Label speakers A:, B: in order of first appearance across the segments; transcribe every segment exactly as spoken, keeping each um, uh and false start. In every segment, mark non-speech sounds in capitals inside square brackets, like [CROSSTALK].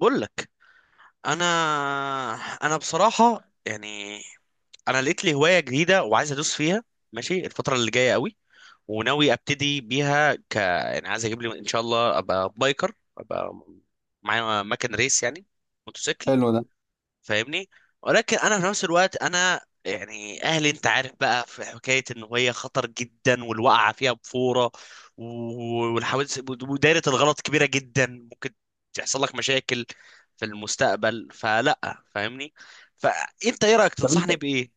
A: بقول لك. انا انا بصراحه يعني انا لقيت لي هوايه جديده وعايز ادوس فيها. ماشي، الفتره اللي جايه قوي وناوي ابتدي بيها ك يعني عايز اجيب لي ان شاء الله، ابقى بايكر، ابقى معايا مكن ريس يعني موتوسيكل.
B: حلو ده.
A: فاهمني؟ ولكن انا في نفس الوقت انا يعني اهلي، انت عارف بقى، في حكايه ان هي خطر جدا والوقعه فيها بفوره و- والحوادث ودايره الغلط كبيره جدا، ممكن تحصل لك مشاكل في المستقبل، فلا فاهمني. فانت ايه رايك؟
B: طب انت
A: تنصحني بايه؟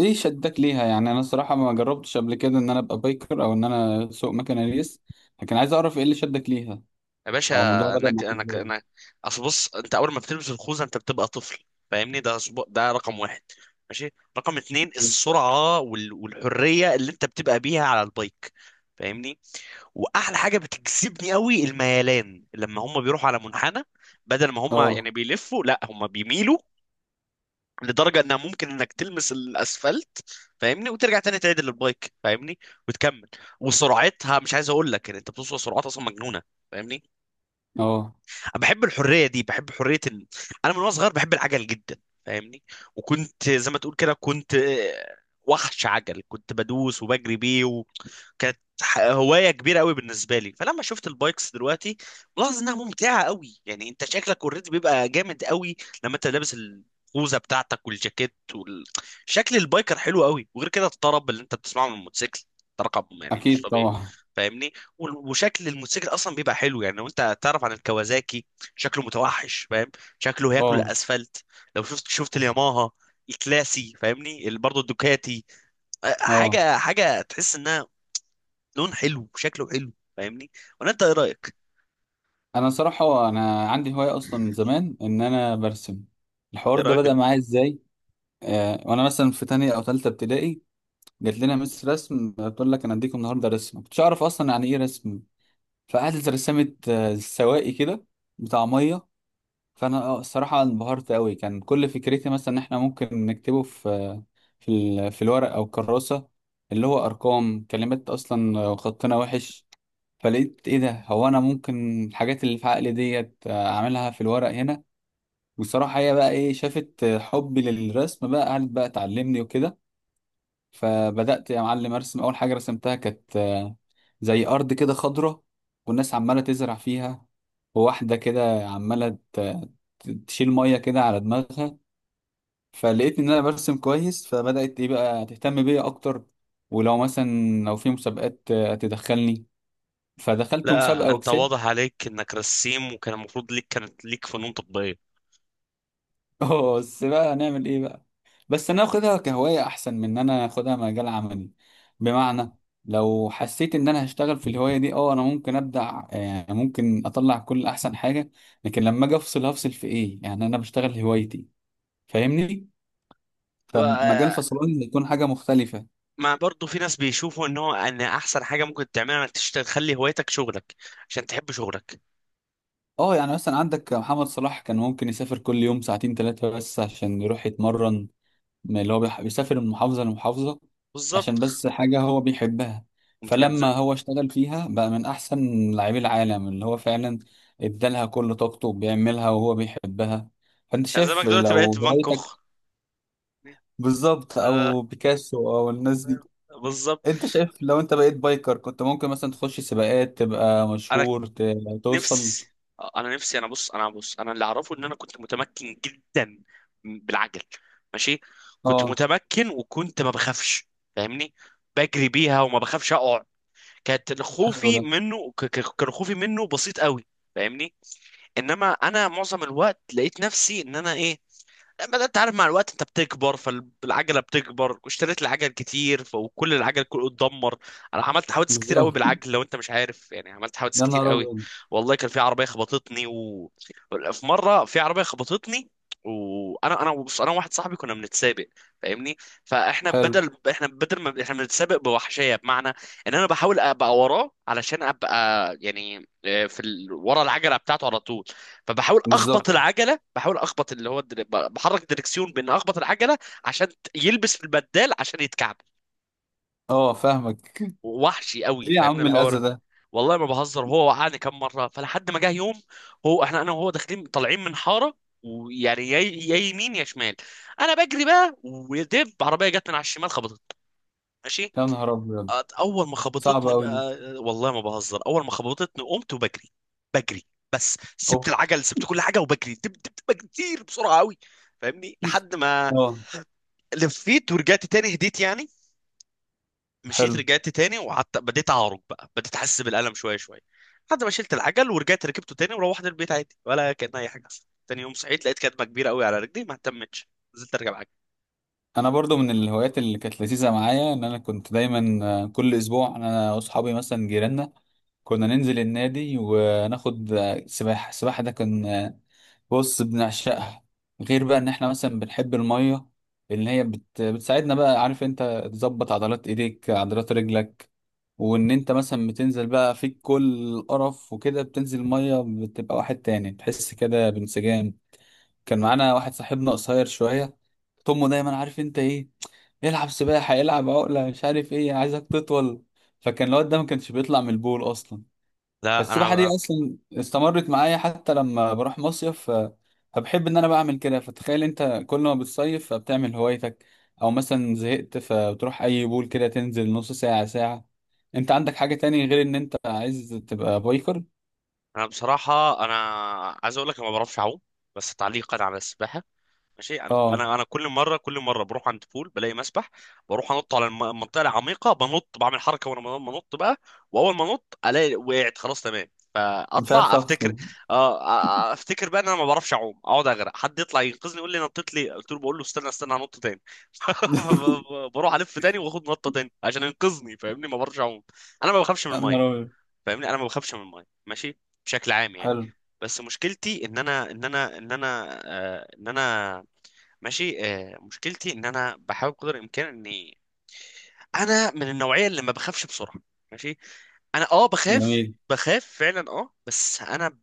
B: ايه شدك ليها؟ يعني انا الصراحه ما جربتش قبل كده ان انا ابقى بايكر او ان انا اسوق مكنه ريس، لكن عايز اعرف ايه اللي شدك ليها
A: يا باشا،
B: او الموضوع بدأ
A: انك
B: معاك
A: انك
B: ازاي.
A: انك اصل بص، انت اول ما بتلبس الخوذه انت بتبقى طفل، فاهمني؟ ده أسبوع- ده رقم واحد، ماشي. رقم اتنين،
B: ماشي.
A: السرعه وال- والحريه اللي انت بتبقى بيها على البايك، فاهمني؟ واحلى حاجه بتجذبني قوي الميلان، لما هم بيروحوا على منحنى بدل ما هم يعني
B: اه.
A: بيلفوا، لا هم بيميلوا لدرجه انها ممكن انك تلمس الاسفلت، فاهمني؟ وترجع تاني تعدل البايك، فاهمني، وتكمل. وسرعتها مش عايز اقول لك، يعني انت بتوصل سرعات اصلا مجنونه، فاهمني؟
B: اه.
A: أنا بحب الحريه دي، بحب حريه ال... انا من وانا صغير بحب العجل جدا، فاهمني؟ وكنت زي ما تقول كده، كنت آه، وحش عجل، كنت بدوس وبجري بيه، كانت ح- هوايه كبيره قوي بالنسبه لي. فلما شفت البايكس دلوقتي ملاحظ انها ممتعه قوي، يعني انت شكلك اوريدي بيبقى جامد قوي لما انت لابس الخوذه بتاعتك والجاكيت وال... شكل البايكر حلو قوي، وغير كده الطرب اللي انت بتسمعه من الموتوسيكل ده رقم، يعني مش
B: اكيد
A: طبيعي،
B: طبعا.
A: فاهمني؟ وال- وشكل الموتوسيكل اصلا بيبقى حلو، يعني لو انت تعرف عن الكوازاكي، شكله متوحش، فاهم؟ شكله هياكل
B: اه.
A: الاسفلت. لو شفت شفت الياماها الكلاسي، فاهمني؟ ال- برضه الدوكاتي،
B: اه.
A: حاجه حاجه تحس انها لون حلو، شكله حلو، فاهمني. ولا انت ايه رايك؟
B: انا صراحه انا عندي هوايه اصلا من زمان ان انا برسم. الحوار
A: يا
B: ده
A: راجل،
B: بدأ معايا ازاي؟ آه وانا مثلا في تانية او تالتة ابتدائي جات لنا مس رسم بتقول لك انا اديكم النهارده رسم، ما كنتش اعرف اصلا يعني ايه رسم. فقعدت رسمت آه، سواقي كده بتاع ميه. فانا آه، الصراحه انبهرت قوي. كان كل فكرتي مثلا ان احنا ممكن نكتبه في في ال- في الورق او الكراسه، اللي هو ارقام كلمات، اصلا خطنا وحش. فلقيت ايه ده، هو انا ممكن الحاجات اللي في عقلي ديت اعملها في الورق هنا. وصراحه هي بقى ايه، شافت حبي للرسم بقى قعدت بقى تعلمني وكده. فبدأت يا معلم أرسم. أول حاجة رسمتها كانت آه، زي أرض كده خضرة والناس عمالة تزرع فيها، وواحدة كده عمالة ت- ت- تشيل مية كده على دماغها. فلقيت إن أنا برسم كويس، فبدأت إيه بقى تهتم بيا أكتر، ولو مثلا لو في مسابقات آه، تدخلني. فدخلت
A: لا
B: مسابقة
A: انت
B: وكسبت.
A: واضح عليك انك رسيم، وكان المفروض ليك كانت ليك فنون تطبيقيه.
B: [LAUGHS] بس بقى هنعمل إيه بقى؟ بس انا اخدها كهواية احسن من ان انا اخدها مجال عملي. بمعنى، لو حسيت ان انا هشتغل في الهواية دي، اه انا ممكن ابدع، يعني ممكن اطلع كل احسن حاجة، لكن لما اجي افصل هفصل في ايه؟ يعني انا بشتغل هوايتي، فاهمني؟ فمجال
A: بقى-
B: فصلان يكون حاجة مختلفة.
A: ما برضه في ناس بيشوفوا ان هو ان احسن حاجه ممكن تعملها انك تشتغل تخلي هوايتك شغلك، عشان تحب شغلك.
B: اه، يعني مثلا عندك محمد صلاح، كان ممكن يسافر كل يوم ساعتين ثلاثة بس عشان يروح يتمرن. ما اللي هو بيح- بيسافر من محافظة لمحافظة عشان
A: بالظبط.
B: بس حاجة هو بيحبها.
A: قمت كان
B: فلما
A: زمان.
B: هو اشتغل فيها بقى من أحسن لاعبي العالم، اللي هو فعلا ادالها كل طاقته، بيعملها وهو بيحبها. فأنت
A: كان
B: شايف
A: زمانك دلوقتي
B: لو
A: بقيت في بانكوك.
B: هوايتك. بالظبط،
A: آه،
B: أو بيكاسو أو الناس دي.
A: بالظبط.
B: أنت شايف لو أنت بقيت بايكر كنت ممكن مثلا تخش سباقات، تبقى
A: انا
B: مشهور، ت- توصل.
A: نفسي، آه، انا نفسي، انا بص، انا بص، انا اللي اعرفه ان انا كنت متمكن جدا بالعجل، ماشي. كنت
B: اه.
A: متمكن وكنت ما بخافش، فاهمني؟ بجري بيها وما بخافش اقع. كانت
B: حلو
A: خوفي
B: ده.
A: منه ك- ك- كان خوفي منه بسيط قوي، فاهمني؟ انما انا معظم الوقت لقيت نفسي ان انا ايه، بدأت، انت عارف، مع الوقت انت بتكبر، فالعجله بتكبر، واشتريت العجل كتير ف- وكل العجل كله اتدمر. انا عملت حوادث كتير قوي
B: بالظبط.
A: بالعجل، لو انت مش عارف، يعني عملت حوادث
B: يا
A: كتير
B: نهار
A: قوي.
B: أبيض.
A: والله كان في عربيه خبطتني و... في مره في عربيه خبطتني، وانا انا بص، انا واحد صاحبي كنا بنتسابق، فاهمني؟ فاحنا
B: حلو.
A: بدل احنا بدل ما احنا بنتسابق بوحشيه، بمعنى ان انا بحاول ابقى وراه علشان ابقى يعني آه، في ال... ورا العجله بتاعته على طول، فبحاول
B: بالظبط.
A: اخبط العجله، بحاول اخبط اللي هو الدر... بحرك الدركسيون بان اخبط العجله عشان ت- يلبس في البدال عشان يتكعب.
B: اه، فاهمك.
A: وحشي
B: [LAUGHS]
A: قوي،
B: ليه يا
A: فاهمني
B: عم الأذى
A: الحوار؟
B: ده؟
A: والله ما بهزر، هو وقعني كام مره، فلحد ما جه يوم هو احنا انا وهو داخلين طالعين من حاره، ويعني يا يا يمين يا شمال، انا بجري بقى ودب عربيه جت من على الشمال خبطت، ماشي.
B: يا نهار أبيض.
A: أت- اول ما خبطتني
B: صعبة أوي دي.
A: بقى، والله ما بهزر، اول ما خبطتني قمت وبجري، بجري، بس سبت
B: أوه.
A: العجل، سبت كل حاجه، وبجري دب دب دب كتير بسرعه قوي، فاهمني؟ لحد ما
B: أه.
A: لفيت ورجعت تاني، هديت يعني، مشيت
B: حلو.
A: رجعت تاني وقعدت بديت اعرج بقى، بديت احس بالالم شويه شويه، لحد ما شلت العجل ورجعت ركبته تاني وروحت البيت عادي ولا كان اي حاجه حصلت. تاني يوم صحيت لقيت كدمه كبيره قوي على رجلي، ما اهتمتش، نزلت اركب عجل.
B: أنا برضو من الهوايات اللي كانت لذيذة معايا إن أنا كنت دايما آه، كل أسبوع أنا وأصحابي مثلا جيراننا كنا ننزل النادي وناخد آه، سباحة. السباحة ده كان آه، بص بنعشقها. غير بقى إن إحنا مثلا بنحب المية، إن هي بت... بتساعدنا بقى، عارف أنت، تظبط عضلات إيديك عضلات رجلك. وإن أنت مثلا بتنزل بقى فيك كل القرف وكده، بتنزل المية بتبقى واحد تاني، تحس كده بانسجام. كان معانا واحد صاحبنا قصير شوية، طمه دايما عارف انت ايه، العب سباحة، العب عقلة، مش عارف ايه، عايزك تطول. فكان الواد ده ما كانش بيطلع من البول اصلا.
A: لا
B: فالسباحة دي
A: انا
B: اصلا استمرت معايا حتى لما بروح مصيف، ف- فبحب ان انا بعمل كده. فتخيل انت كل ما بتصيف فبتعمل هوايتك، او مثلا زهقت فبتروح اي بول كده تنزل نص ساعة ساعة. انت عندك حاجة تاني غير ان انت عايز تبقى بايكر؟
A: انا بصراحه انا عايز اقول لك انا ما بعرفش اعوم، بس تعليقا على السباحه، ماشي. انا
B: اه.
A: انا انا كل مره كل مره بروح عند بول بلاقي مسبح، بروح انط على الم- المنطقه العميقه، بنط بعمل حركه وانا بن- بنط بقى، واول ما انط الاقي وقعت خلاص تمام،
B: مش
A: فاطلع
B: عارف اخرج.
A: افتكر، اه، آه، افتكر بقى ان انا ما بعرفش اعوم، اقعد اغرق، حد يطلع ينقذني، يقول لي نطيت، لي قلت له بقول له استنى، استنى هنط تاني. [LAUGHS] ف-
B: [LAUGHS]
A: ب- بروح الف تاني واخد نطه تاني عشان ينقذني، فاهمني؟ ما بعرفش اعوم. انا ما بخافش من
B: يا نهار
A: الميه،
B: أبيض.
A: فاهمني؟ انا ما بخافش من الميه، ماشي، بشكل عام يعني.
B: حلو.
A: بس مشكلتي ان انا ان انا ان انا آه، ان انا، ماشي، آه مشكلتي ان انا بحاول قدر الامكان اني، انا من النوعيه اللي ما بخافش بسرعه، ماشي. انا اه بخاف،
B: جميل.
A: بخاف فعلا اه، بس انا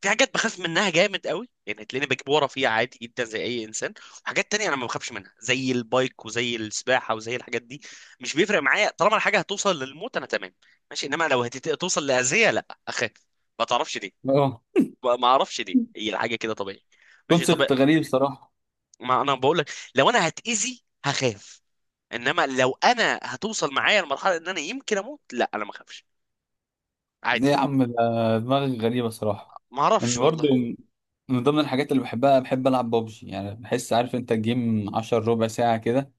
A: في حاجات بخاف منها جامد قوي، يعني تلاقيني بجيب ورا فيها عادي جدا زي اي انسان. وحاجات تانية انا ما بخافش منها زي البايك وزي السباحه وزي الحاجات دي، مش بيفرق معايا طالما الحاجه هتوصل للموت انا تمام، ماشي. انما لو هتوصل لاذيه لا اخاف، ما تعرفش ليه.
B: اه،
A: ما ما اعرفش ليه، هي الحاجه كده طبيعي، ماشي طبيعي.
B: كونسبت غريب صراحة.
A: ما انا بقول لك، لو انا هتاذي هخاف، انما لو انا هتوصل معايا لمرحله ان انا يمكن اموت لا انا ما اخافش،
B: ايه يا
A: عادي.
B: عم ده، دماغك غريبة صراحة.
A: ما اعرفش
B: ان برضه
A: والله.
B: من ضمن الحاجات اللي بحبها، بحب العب بابجي. يعني بحس، عارف انت، الجيم عشرة ربع ساعة كده.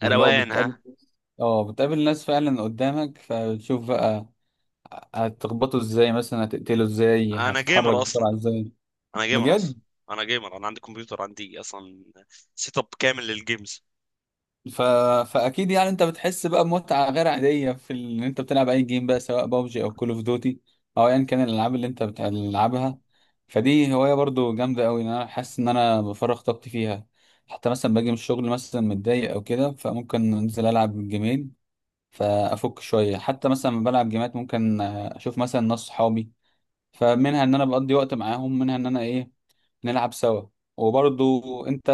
B: واللي هو
A: روقان،
B: بتقابل.
A: ها؟
B: اه، بتقابل ناس فعلا قدامك، فبتشوف بقى هتخبطه ازاي، مثلا هتقتله ازاي،
A: انا
B: هتتحرك
A: جيمر اصلا،
B: بسرعة ازاي.
A: انا جيمر
B: بجد.
A: اصلا، انا جيمر، انا عندي كمبيوتر، عندي اصلا سيت اب كامل للجيمز.
B: ف... فاكيد يعني انت بتحس بقى بمتعه غير عاديه في ال- ان انت بتلعب اي جيم بقى، سواء بابجي او كول اوف دوتي او ايا كان الالعاب اللي انت بتلعبها. فدي هوايه برضو جامده قوي، ان انا حاسس ان انا بفرغ طاقتي فيها. حتى مثلا باجي من الشغل مثلا متضايق او كده، فممكن انزل العب جيمين فافك شويه. حتى مثلا لما بلعب جيمات ممكن آه، اشوف مثلا ناس صحابي. فمنها ان انا بقضي وقت معاهم، منها ان انا ايه، نلعب سوا. وبرضو انت،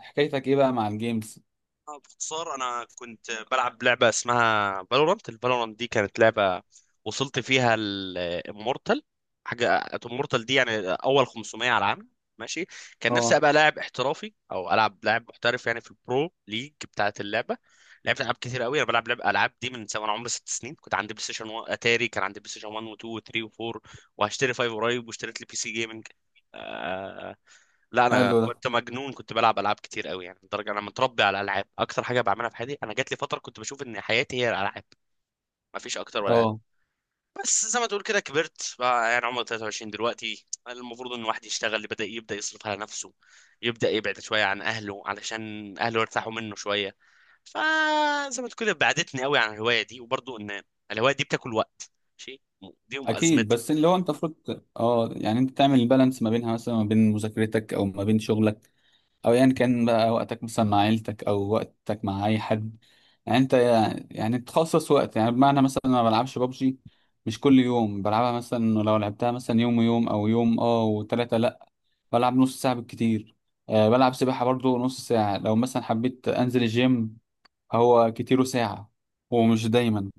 B: حكايتك ايه بقى مع الجيمز؟
A: آه، باختصار انا كنت بلعب لعبه اسمها فالورانت، الفالورانت دي كانت لعبه وصلت فيها الامورتال، حاجه امورتال دي يعني اول خمسمئة على العالم، ماشي. كان نفسي
B: اه.
A: ابقى لاعب احترافي او العب لاعب محترف يعني في البرو ليج بتاعه اللعبه. لعبت العاب كتير قوي، انا بلعب لعب العاب دي من سواء انا عمري ست سنين، كنت عندي بلاي ستيشن و... اتاري، كان عندي بلاي ستيشن واحد و2 و3 و4، وهشتري خمسة قريب، واشتريت لي بي سي جيمنج. لا انا
B: حلو ده.
A: كنت مجنون، كنت بلعب العاب كتير قوي، يعني لدرجه انا متربي على الالعاب، اكتر حاجه بعملها في حياتي، انا جات لي فتره كنت بشوف ان حياتي هي الالعاب، ما فيش اكتر ولا اقل.
B: اه
A: بس زي ما تقول كده كبرت بقى، يعني عمري تلاته وعشرين دلوقتي، المفروض ان الواحد يشتغل، بدا يبدا يصرف على نفسه، يبدا يبعد شويه عن اهله علشان اهله يرتاحوا منه شويه. فزي ما تقول كده بعدتني قوي عن الهوايه دي، وبرضه ان الهوايه دي بتاكل وقت، ماشي، دي
B: اكيد.
A: ازمتي.
B: بس اللي هو انت المفروض، اه، يعني انت تعمل البالانس ما بينها، مثلا ما بين مذاكرتك او ما بين شغلك، او ايا يعني كان بقى وقتك مثلا مع عيلتك او وقتك مع اي حد. يعني انت يعني تخصص وقت. يعني بمعنى مثلا أنا ما بلعبش بابجي، مش كل يوم بلعبها. مثلا لو لعبتها مثلا يوم ويوم او يوم اه وثلاثة، لا، بلعب نص ساعة بالكتير. أه بلعب سباحة برضو نص ساعة. لو مثلا حبيت انزل الجيم، هو كتيره ساعة، ومش دايما.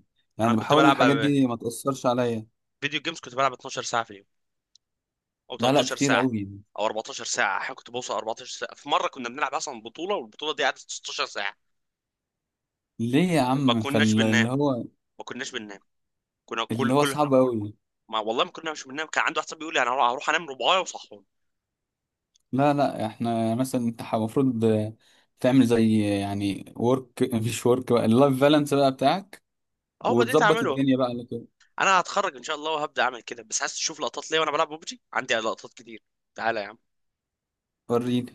A: انا
B: يعني
A: كنت
B: بحاول
A: بلعب
B: الحاجات
A: على
B: دي ما تأثرش عليا.
A: فيديو جيمز، كنت بلعب اتناشر ساعه في اليوم او
B: لا لا،
A: تلتاشر
B: كتير
A: ساعه
B: قوي.
A: او اربعتاشر ساعه، احيانا كنت بوصل اربعتاشر ساعه، في مره كنا بنلعب اصلا بطوله والبطوله دي قعدت ستاشر ساعه،
B: ليه يا
A: ما
B: عم؟
A: كناش بننام،
B: فاللي هو،
A: ما كناش بننام، كنا
B: اللي
A: كل
B: هو
A: كل
B: صعب قوي.
A: ما، والله ما كناش بننام، كان عنده واحد صاحبي بيقول لي انا هروح انام ربعايه وصحوني.
B: لا لا، احنا مثلا انت ح- المفروض تعمل زي يعني ورك، [LAUGHS] مش ورك بقى، اللايف بالانس بقى بتاعك،
A: اهو بديت
B: وتظبط
A: اعمله،
B: الدنيا بقى على كده.
A: انا هتخرج ان شاء الله وهبدا اعمل كده، بس عايز تشوف لقطات ليا وانا بلعب ببجي؟ عندي لقطات كتير، تعالى يا عم.
B: وريني.